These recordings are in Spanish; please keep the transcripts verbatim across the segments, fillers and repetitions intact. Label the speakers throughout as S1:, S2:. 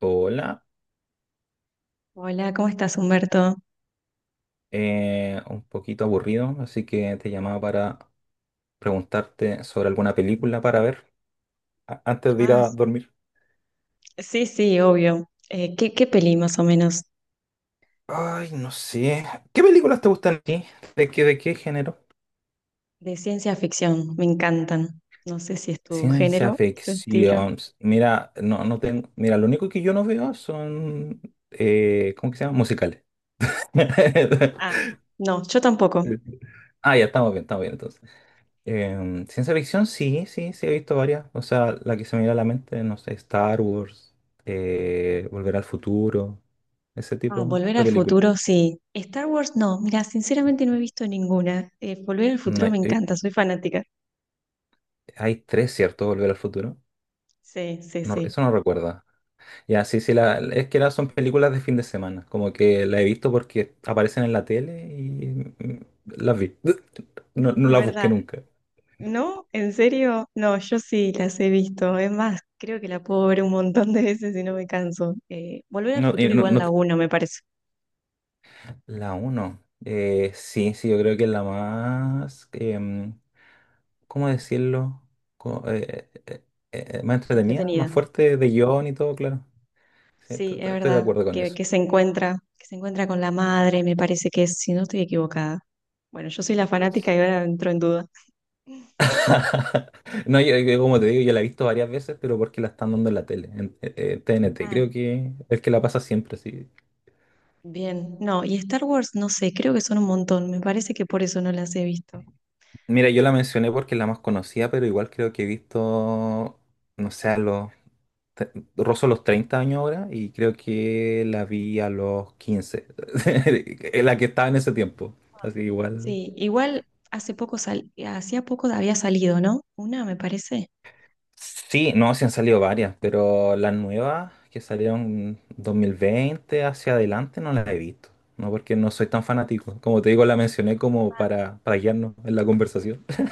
S1: Hola,
S2: Hola, ¿cómo estás, Humberto?
S1: eh, un poquito aburrido, así que te llamaba para preguntarte sobre alguna película para ver a- antes de ir
S2: Ah,
S1: a dormir.
S2: sí, sí, obvio. Eh, ¿qué, qué peli más o menos
S1: Ay, no sé. ¿Qué películas te gustan a ti? ¿De qué, de qué género?
S2: de ciencia ficción? Me encantan. No sé si es tu
S1: Ciencia
S2: género, tu estilo.
S1: ficción. Mira, no, no tengo. Mira, lo único que yo no veo son, eh, ¿cómo que se llama?, musicales.
S2: Ah, no, yo tampoco.
S1: Ah, ya, estamos bien, estamos bien entonces. Em, ciencia ficción, sí, sí, sí, he visto varias. O sea, la que se me viene a la mente, no sé, Star Wars, eh, Volver al Futuro, ese
S2: Ah,
S1: tipo
S2: Volver
S1: de
S2: al
S1: películas.
S2: futuro, sí. Star Wars, no. Mira, sinceramente no he visto ninguna. Eh, Volver al
S1: No
S2: futuro me
S1: hay, eh,
S2: encanta, soy fanática.
S1: hay tres, ¿cierto? Volver al Futuro.
S2: Sí, sí,
S1: No,
S2: sí.
S1: eso no recuerda. Ya, sí, sí, la, es que la- son películas de fin de semana. Como que la he visto porque aparecen en la tele y mm, las vi. No, no
S2: Es
S1: las busqué
S2: verdad.
S1: nunca.
S2: ¿No? ¿En serio? No, yo sí las he visto. Es más, creo que la puedo ver un montón de veces y no me canso. Eh, Volver al
S1: No, y
S2: futuro
S1: no-
S2: igual
S1: no
S2: la
S1: te-
S2: uno, me parece.
S1: la uno. Sí, sí, yo creo que es la más, em, ¿cómo decirlo?, Co- eh, eh, eh, más entretenida,
S2: Entretenida.
S1: más fuerte de guión y todo, claro. Sí, t-
S2: Sí, es
S1: t- estoy de
S2: verdad,
S1: acuerdo con
S2: que,
S1: eso.
S2: que se encuentra, que se encuentra con la madre, me parece que es, si no estoy equivocada. Bueno, yo soy la fanática y ahora entro en duda.
S1: No, yo, yo como te digo, yo la he visto varias veces, pero porque la están dando en la tele, en eh, eh, T N T.
S2: Ah,
S1: Creo que es que la pasa siempre, sí.
S2: bien. No, y Star Wars, no sé, creo que son un montón. Me parece que por eso no las he visto.
S1: Mira, yo la mencioné porque es la más conocida, pero igual creo que he visto, no sé. a los... te- Rozo los treinta años ahora y creo que la vi a los quince, la que estaba en ese tiempo.
S2: Ah.
S1: Así que igual.
S2: Sí, igual hace poco sal, hacía poco había salido, ¿no? Una, me parece.
S1: Sí, no, sí han salido varias, pero las nuevas que salieron dos mil veinte hacia adelante no las he visto. No porque no soy tan fanático. Como te digo, la mencioné como
S2: Ah,
S1: para, para guiarnos en la conversación.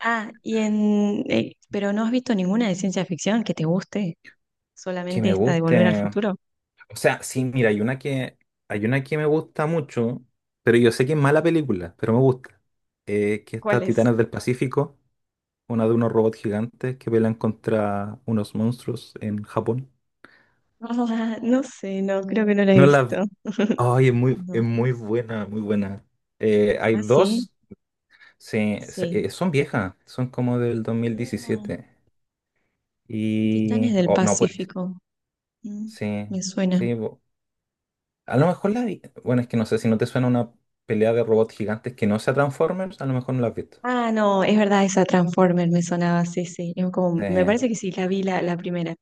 S2: Ah, y en eh, pero no has visto ninguna de ciencia ficción que te guste,
S1: Que
S2: solamente
S1: me
S2: esta de Volver al
S1: guste.
S2: Futuro.
S1: O sea, sí, mira, hay una que, hay una que me gusta mucho, pero yo sé que es mala película, pero me gusta. Eh, que
S2: ¿Cuál
S1: está
S2: es?
S1: Titanes del Pacífico, una de unos robots gigantes que pelean contra unos monstruos en Japón.
S2: No sé, no, creo que no la he
S1: No la,
S2: visto.
S1: Ay, es muy, es
S2: No.
S1: muy buena, muy buena. Eh, hay
S2: ¿Ah, sí?
S1: dos, se- se-
S2: Sí.
S1: eh, son viejas, son como del
S2: Mm,
S1: dos mil diecisiete.
S2: Titanes
S1: Y...
S2: del
S1: Oh, no, pues,
S2: Pacífico. Mm,
S1: sí,
S2: me suena.
S1: sí. bo- A lo mejor la vi- Bueno, es que no sé, si no te suena una pelea de robots gigantes que no sea Transformers, a lo mejor no la has visto.
S2: Ah, no, es verdad, esa Transformer me sonaba, sí, sí. Es como, me
S1: Eh,
S2: parece que sí, la vi la, la primera, es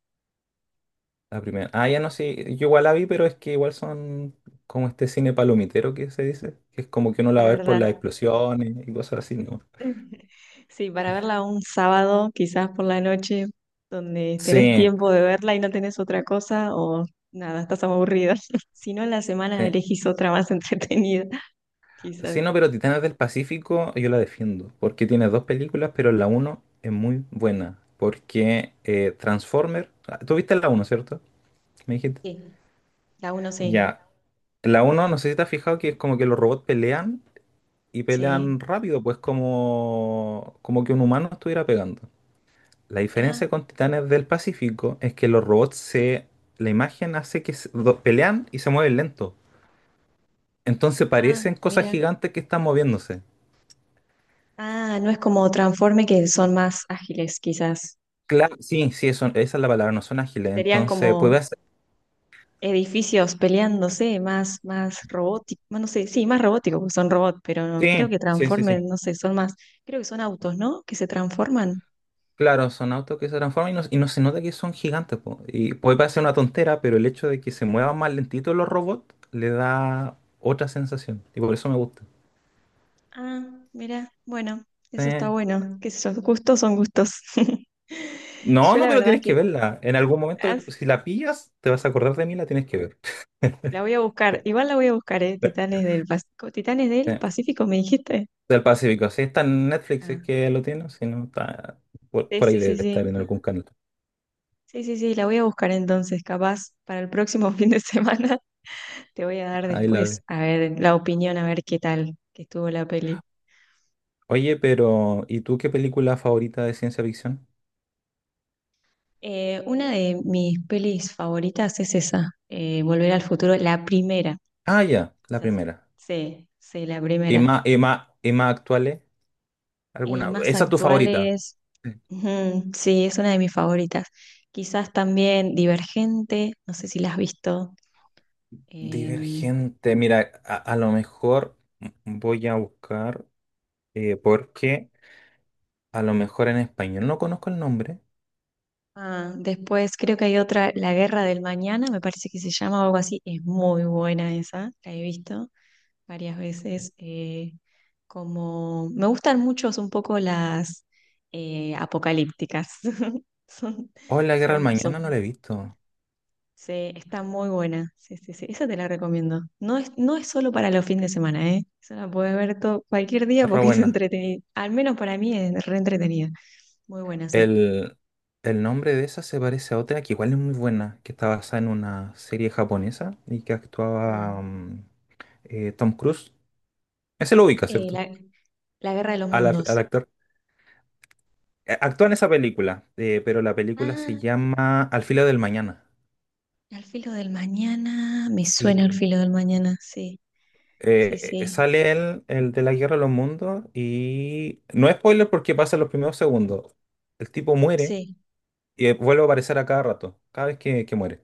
S1: la primera. Ah, ya no sé, yo igual la vi, pero es que igual son como este cine palomitero que se dice, que es como que uno la ve por las
S2: verdad.
S1: explosiones y cosas así, ¿no?
S2: Sí, para verla un sábado, quizás por la noche, donde tenés
S1: Sí,
S2: tiempo de verla y no tenés otra cosa, o nada, estás aburrida. Si no, en la semana
S1: sí.
S2: elegís otra más entretenida, quizás.
S1: Sí, no, pero Titanes del Pacífico yo la defiendo, porque tiene dos películas, pero la uno es muy buena, porque eh, Transformer, ah, tú viste la uno, ¿cierto? Me dijiste.
S2: Sí, la uno sí,
S1: Ya, la uno, no sé si te has fijado que es como que los robots pelean y
S2: sí.
S1: pelean rápido, pues como, como que un humano estuviera pegando. La
S2: Ah,
S1: diferencia con Titanes del Pacífico es que los robots se, la imagen hace que se- do- pelean y se mueven lento. Entonces
S2: ah,
S1: parecen cosas
S2: mira.
S1: gigantes que están moviéndose.
S2: Ah, no es como Transforme que son más ágiles, quizás.
S1: Claro, sí, sí, eso- esa es la palabra, no son ágiles.
S2: Serían
S1: Entonces,
S2: como
S1: puede hacer.
S2: edificios peleándose, más, más robóticos, no sé, sí, más robóticos, porque son robots, pero no, creo
S1: Sí,
S2: que
S1: sí, sí,
S2: Transforme,
S1: sí.
S2: no sé, son más, creo que son autos, ¿no? Que se transforman.
S1: Claro, son autos que se transforman y no, y no se nota que son gigantes, po. Y puede parecer una tontera, pero el hecho de que se muevan más lentito los robots le da otra sensación. Y por eso me gusta.
S2: Ah, mira, bueno,
S1: Sí.
S2: eso está bueno. Qué sé yo, gustos son gustos.
S1: No,
S2: Yo
S1: no,
S2: la
S1: pero
S2: verdad
S1: tienes que
S2: que
S1: verla. En algún momento,
S2: ah,
S1: si la pillas, te vas a acordar de mí, la tienes que ver.
S2: la voy a buscar, igual la voy a buscar, ¿eh? Titanes del Pacífico. ¿Titanes del
S1: Sí,
S2: Pacífico me dijiste?
S1: del Pacífico. Si está en Netflix, si es
S2: Ah,
S1: que lo tiene. Si no, está por,
S2: sí,
S1: por ahí
S2: sí, sí,
S1: debe estar
S2: sí.
S1: en algún canal.
S2: Sí, sí, sí, la voy a buscar entonces, capaz para el próximo fin de semana. Te voy a dar
S1: Ahí la
S2: después,
S1: ves.
S2: a ver, la opinión, a ver qué tal que estuvo la peli.
S1: Oye, pero ¿y tú qué película favorita de ciencia ficción?
S2: Eh, una de mis pelis favoritas es esa, eh, Volver al futuro, la primera,
S1: Ah, ya, la
S2: quizás,
S1: primera.
S2: sí, sí, la
S1: ¿Y
S2: primera.
S1: más, y más, y más actuales?
S2: Y
S1: ¿Alguna?
S2: más
S1: ¿Esa es tu favorita?
S2: actuales,
S1: Sí.
S2: ujú, sí, es una de mis favoritas. Quizás también Divergente, no sé si la has visto. em,
S1: Divergente. Mira, a, a lo mejor voy a buscar, eh, porque a lo mejor en español no conozco el nombre.
S2: Ah, después creo que hay otra, La Guerra del Mañana, me parece que se llama o algo así. Es muy buena esa, la he visto varias veces. Eh, como me gustan mucho un poco las eh, apocalípticas. Son,
S1: Oh, La Guerra del
S2: son,
S1: Mañana no
S2: son,
S1: la he visto.
S2: sí, está muy buena. Sí, sí, sí, esa te la recomiendo. No es, no es solo para los fines de semana, ¿eh? Esa la puedes ver todo, cualquier día
S1: Es re
S2: porque es
S1: buena.
S2: entretenida. Al menos para mí es re entretenida. Muy buena, sí.
S1: El, el nombre de esa se parece a otra que igual es muy buena, que está basada en una serie japonesa y que
S2: Ah,
S1: actuaba, mm, eh, Tom Cruise. Ese lo ubica,
S2: eh,
S1: ¿cierto?
S2: la, la Guerra de los
S1: Al, ar- al
S2: Mundos.
S1: actor. Eh, Actúa en esa película, eh, pero la película se
S2: Ah,
S1: llama Al filo del mañana.
S2: al filo del mañana, me suena al
S1: Sí.
S2: filo del mañana, sí, sí,
S1: Eh, eh,
S2: sí,
S1: sale él, el de la Guerra de los Mundos, y no es spoiler porque pasa en los primeros segundos. El tipo muere
S2: sí.
S1: y eh, vuelve a aparecer a cada rato, cada vez que, que muere.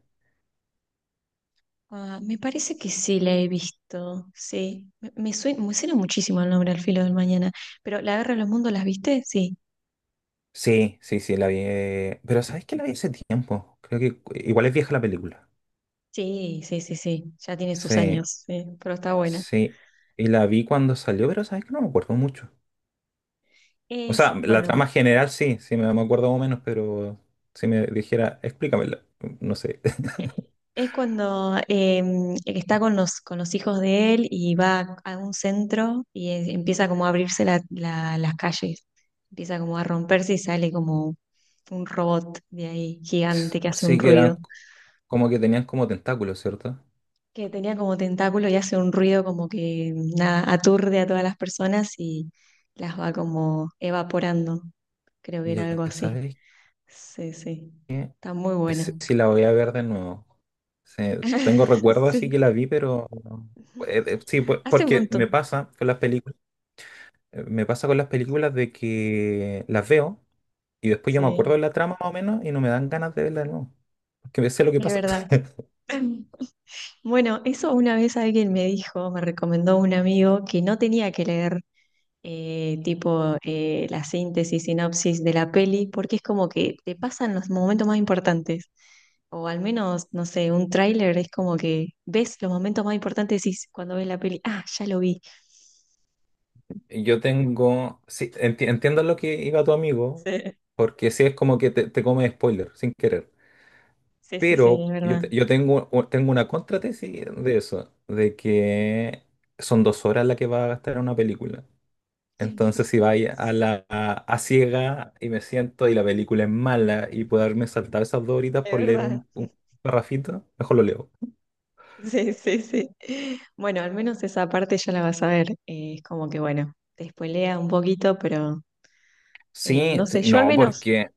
S2: Ah, me parece que sí la he visto, sí. Me, me suena, me suena muchísimo el nombre al filo del mañana, pero ¿La guerra de los mundos las viste? Sí,
S1: Sí, sí, sí, la vi. eh, pero ¿sabes que la vi hace tiempo? Creo que cu- igual es vieja la película.
S2: sí, sí, sí, sí, ya tiene sus
S1: Sí,
S2: años, sí, pero está buena.
S1: sí. Y la vi cuando salió, pero ¿sabes que no me acuerdo mucho? O
S2: Es,
S1: sea, la
S2: bueno,
S1: trama general sí, sí me, me acuerdo más o menos, pero si me dijera, explícamela, no sé.
S2: es cuando em, está con los, con los hijos de él y va a un centro y es- empieza como a abrirse la- la- las calles, empieza como a romperse y sale como un robot de ahí gigante que hace un
S1: Sí que
S2: ruido,
S1: eran como que tenían como tentáculos, ¿cierto?
S2: que tenía como tentáculo y hace un ruido como que nada, aturde a todas las personas y las va como evaporando, creo que era
S1: Ya
S2: algo así.
S1: sabéis
S2: Sí, sí,
S1: que
S2: está muy buena.
S1: si la voy a ver de nuevo. Sí, tengo recuerdo así que
S2: Sí,
S1: la vi, pero eh, eh, sí, pues,
S2: hace un
S1: porque
S2: montón,
S1: me pasa con las películas, me pasa con las películas de que las veo y después yo me acuerdo
S2: sí.
S1: de la trama más o menos y no me dan ganas de verla de nuevo. Porque sé lo que
S2: Es
S1: pasa.
S2: verdad. Bueno, eso una vez alguien me dijo, me recomendó un amigo que no tenía que leer eh, tipo eh, la síntesis, sinopsis de la peli, porque es como que te pasan los momentos más importantes. O al menos, no sé, un tráiler es como que ves los momentos más importantes y decís, cuando ves la peli, ah, ya lo vi.
S1: Yo tengo, sí, enti- entiendo lo que iba tu amigo,
S2: Sí,
S1: porque sí es como que te, te come spoiler sin querer.
S2: sí, sí, sí,
S1: Pero
S2: es
S1: yo,
S2: verdad.
S1: te- yo tengo, u- tengo una contratesis de eso, de que son dos horas las que va a gastar una película. Entonces si vais a la a, a ciega y me siento y la película es mala y puedo haberme saltado esas dos horitas
S2: Es
S1: por leer
S2: verdad.
S1: un, un parrafito, mejor lo leo.
S2: Sí, sí, sí. Bueno, al menos esa parte ya la vas a ver. Eh, es como que, bueno, te spoilea un poquito, pero eh,
S1: Sí,
S2: no
S1: sí,
S2: sé, yo al
S1: no,
S2: menos,
S1: porque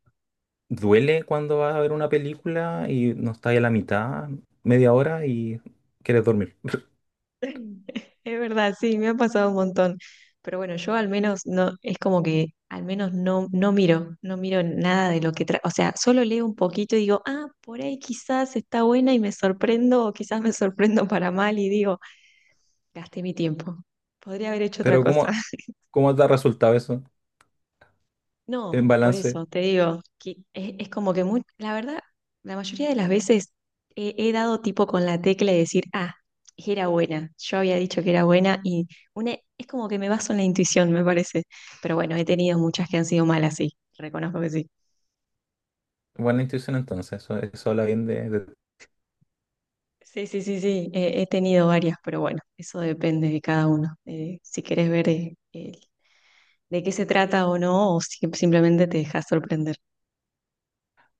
S1: duele cuando vas a ver una película y no estás a la mitad, media hora y quieres dormir.
S2: es verdad, sí, me ha pasado un montón. Pero bueno, yo al menos no, es como que al menos no, no miro, no miro nada de lo que trae. O sea, solo leo un poquito y digo, ah, por ahí quizás está buena y me sorprendo, o quizás me sorprendo para mal y digo, gasté mi tiempo. Podría haber hecho otra
S1: Pero ¿cómo,
S2: cosa.
S1: cómo te ha resultado eso? En
S2: No, por
S1: balance,
S2: eso te digo, que es, es como que muy, la verdad, la mayoría de las veces he, he dado tipo con la tecla de decir, ah, era buena, yo había dicho que era buena y una, es como que me baso en la intuición, me parece. Pero bueno, he tenido muchas que han sido malas, sí, reconozco que sí.
S1: buena intuición entonces, eso, eso habla bien de... de-
S2: Sí, sí, sí, sí, he, he tenido varias, pero bueno, eso depende de cada uno. Eh, si querés ver eh, el- de qué se trata o no, o si- simplemente te dejas sorprender.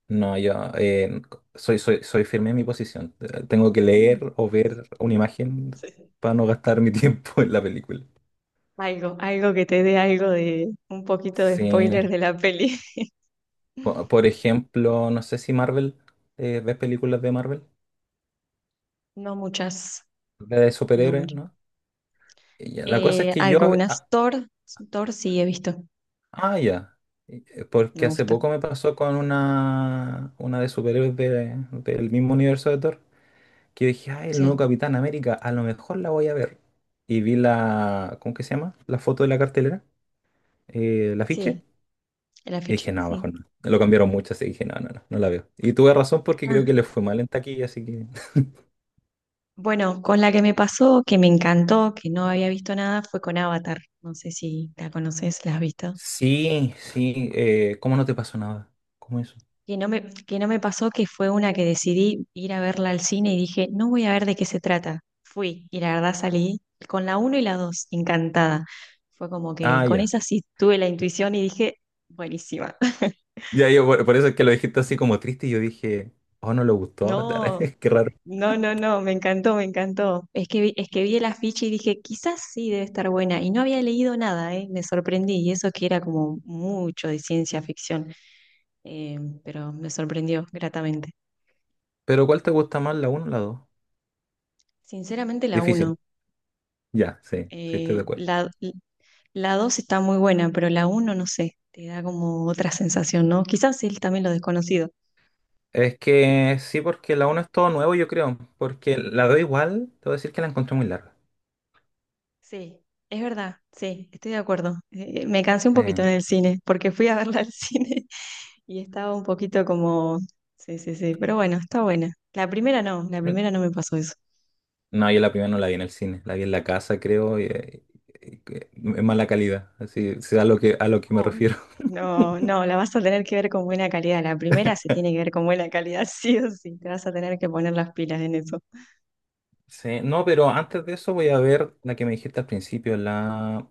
S1: No, yo eh, soy, soy, soy firme en mi posición. Tengo que leer o ver una imagen
S2: Sí.
S1: para no gastar mi tiempo en la película.
S2: Algo, algo que te dé algo de un poquito de
S1: Sí,
S2: spoiler de la peli.
S1: po- por ejemplo, no sé si Marvel, eh, ¿ves películas de Marvel?
S2: No muchas,
S1: De
S2: no
S1: superhéroes,
S2: muchas.
S1: ¿no? Y ya, la cosa es
S2: Eh,
S1: que yo...
S2: algunas. Thor, Thor sí he visto,
S1: Ah, ya. Eh,
S2: me
S1: Porque hace
S2: gusta.
S1: poco me pasó con una, una de superhéroes de- del mismo universo de Thor, que dije, ay, el nuevo
S2: Sí,
S1: Capitán América, a lo mejor la voy a ver. Y vi la, ¿cómo que se llama?, la foto de la cartelera, eh, la afiche,
S2: sí, el
S1: y
S2: afiche,
S1: dije, no,
S2: sí.
S1: mejor no. Lo cambiaron mucho, así que dije, no, no, no, no la veo. Y tuve razón porque
S2: Ah,
S1: creo que le fue mal en taquilla, así que...
S2: bueno, con la que me pasó, que me encantó, que no había visto nada, fue con Avatar. No sé si la conoces, ¿la has visto?
S1: Sí, sí, eh, ¿cómo no te pasó nada? ¿Cómo eso?
S2: Que no me, que no me pasó que fue una que decidí ir a verla al cine y dije, no voy a ver de qué se trata. Fui y la verdad salí con la uno y la dos encantada. Fue como que
S1: Ah,
S2: con
S1: ya.
S2: esa sí tuve la intuición y dije, buenísima.
S1: Ya, yo por, por eso es que lo dijiste así como triste y yo dije, oh, no le gustó Avatar,
S2: No,
S1: qué raro.
S2: no, no, no, me encantó, me encantó. Es que vi, es que vi el afiche y dije, quizás sí debe estar buena. Y no había leído nada, ¿eh? Me sorprendí. Y eso que era como mucho de ciencia ficción, eh, pero me sorprendió gratamente.
S1: Pero ¿cuál te gusta más, la uno o la dos?
S2: Sinceramente, la uno.
S1: Difícil. Ya, sí, sí, estoy de
S2: Eh,
S1: acuerdo.
S2: la, la dos está muy buena, pero la uno no sé, te da como otra sensación, ¿no? Quizás sí, también lo desconocido.
S1: Es que sí, porque la uno es todo nuevo, yo creo. Porque la dos igual, te voy a decir que la encontré muy larga.
S2: Sí, es verdad, sí, estoy de acuerdo. Eh, me cansé un
S1: Sí.
S2: poquito en el cine, porque fui a verla al cine y estaba un poquito como... Sí, sí, sí, pero bueno, está buena. La primera no, la
S1: Sí.
S2: primera no me pasó eso.
S1: No, yo la primera no la vi en el cine, la vi en la casa, creo, y, y- y- en mala calidad. Así es a lo que, a lo que me
S2: Ay,
S1: refiero.
S2: no, no, la vas a tener que ver con buena calidad. La primera se tiene que ver con buena calidad, sí o sí. Te vas a tener que poner las pilas en eso.
S1: Sí, no, pero antes de eso voy a ver la que me dijiste al principio, la...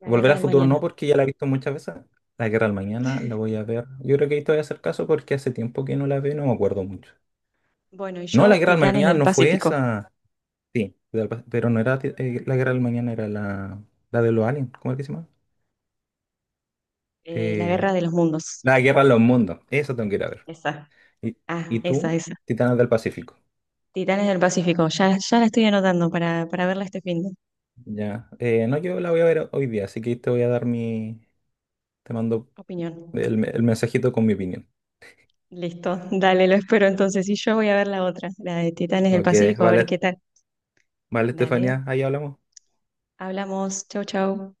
S2: La
S1: Volver
S2: guerra
S1: al
S2: del
S1: futuro no,
S2: mañana.
S1: porque ya la he visto muchas veces. La Guerra del Mañana la voy a ver. Yo creo que ahí te voy a hacer caso porque hace tiempo que no la veo y no me acuerdo mucho.
S2: Bueno, y
S1: No,
S2: yo,
S1: la Guerra del
S2: Titanes
S1: Mañana
S2: del
S1: no fue
S2: Pacífico,
S1: esa. Sí, de- pero no era ti- eh, la Guerra del Mañana, era la, la de los aliens. ¿Cómo es que se llama?
S2: eh, la
S1: Eh,
S2: Guerra de los Mundos.
S1: la Guerra de los Mundos. Esa tengo que ir a ver.
S2: Esa.
S1: ¿Y,
S2: Ah,
S1: y
S2: esa,
S1: tú?
S2: esa.
S1: Titanes del Pacífico.
S2: Titanes del Pacífico, ya, ya la estoy anotando para, para verla este fin de
S1: Ya. Eh, no, yo la voy a ver hoy día, así que te voy a dar mi... Te mando
S2: opinión.
S1: el, el mensajito con mi opinión.
S2: Listo, dale, lo espero
S1: Ya.
S2: entonces. Y yo voy a ver la otra, la de Titanes del
S1: Ok,
S2: Pacífico, a ver qué
S1: vale,
S2: tal.
S1: vale,
S2: Dale,
S1: Estefanía, ahí hablamos.
S2: hablamos. Chau, chau.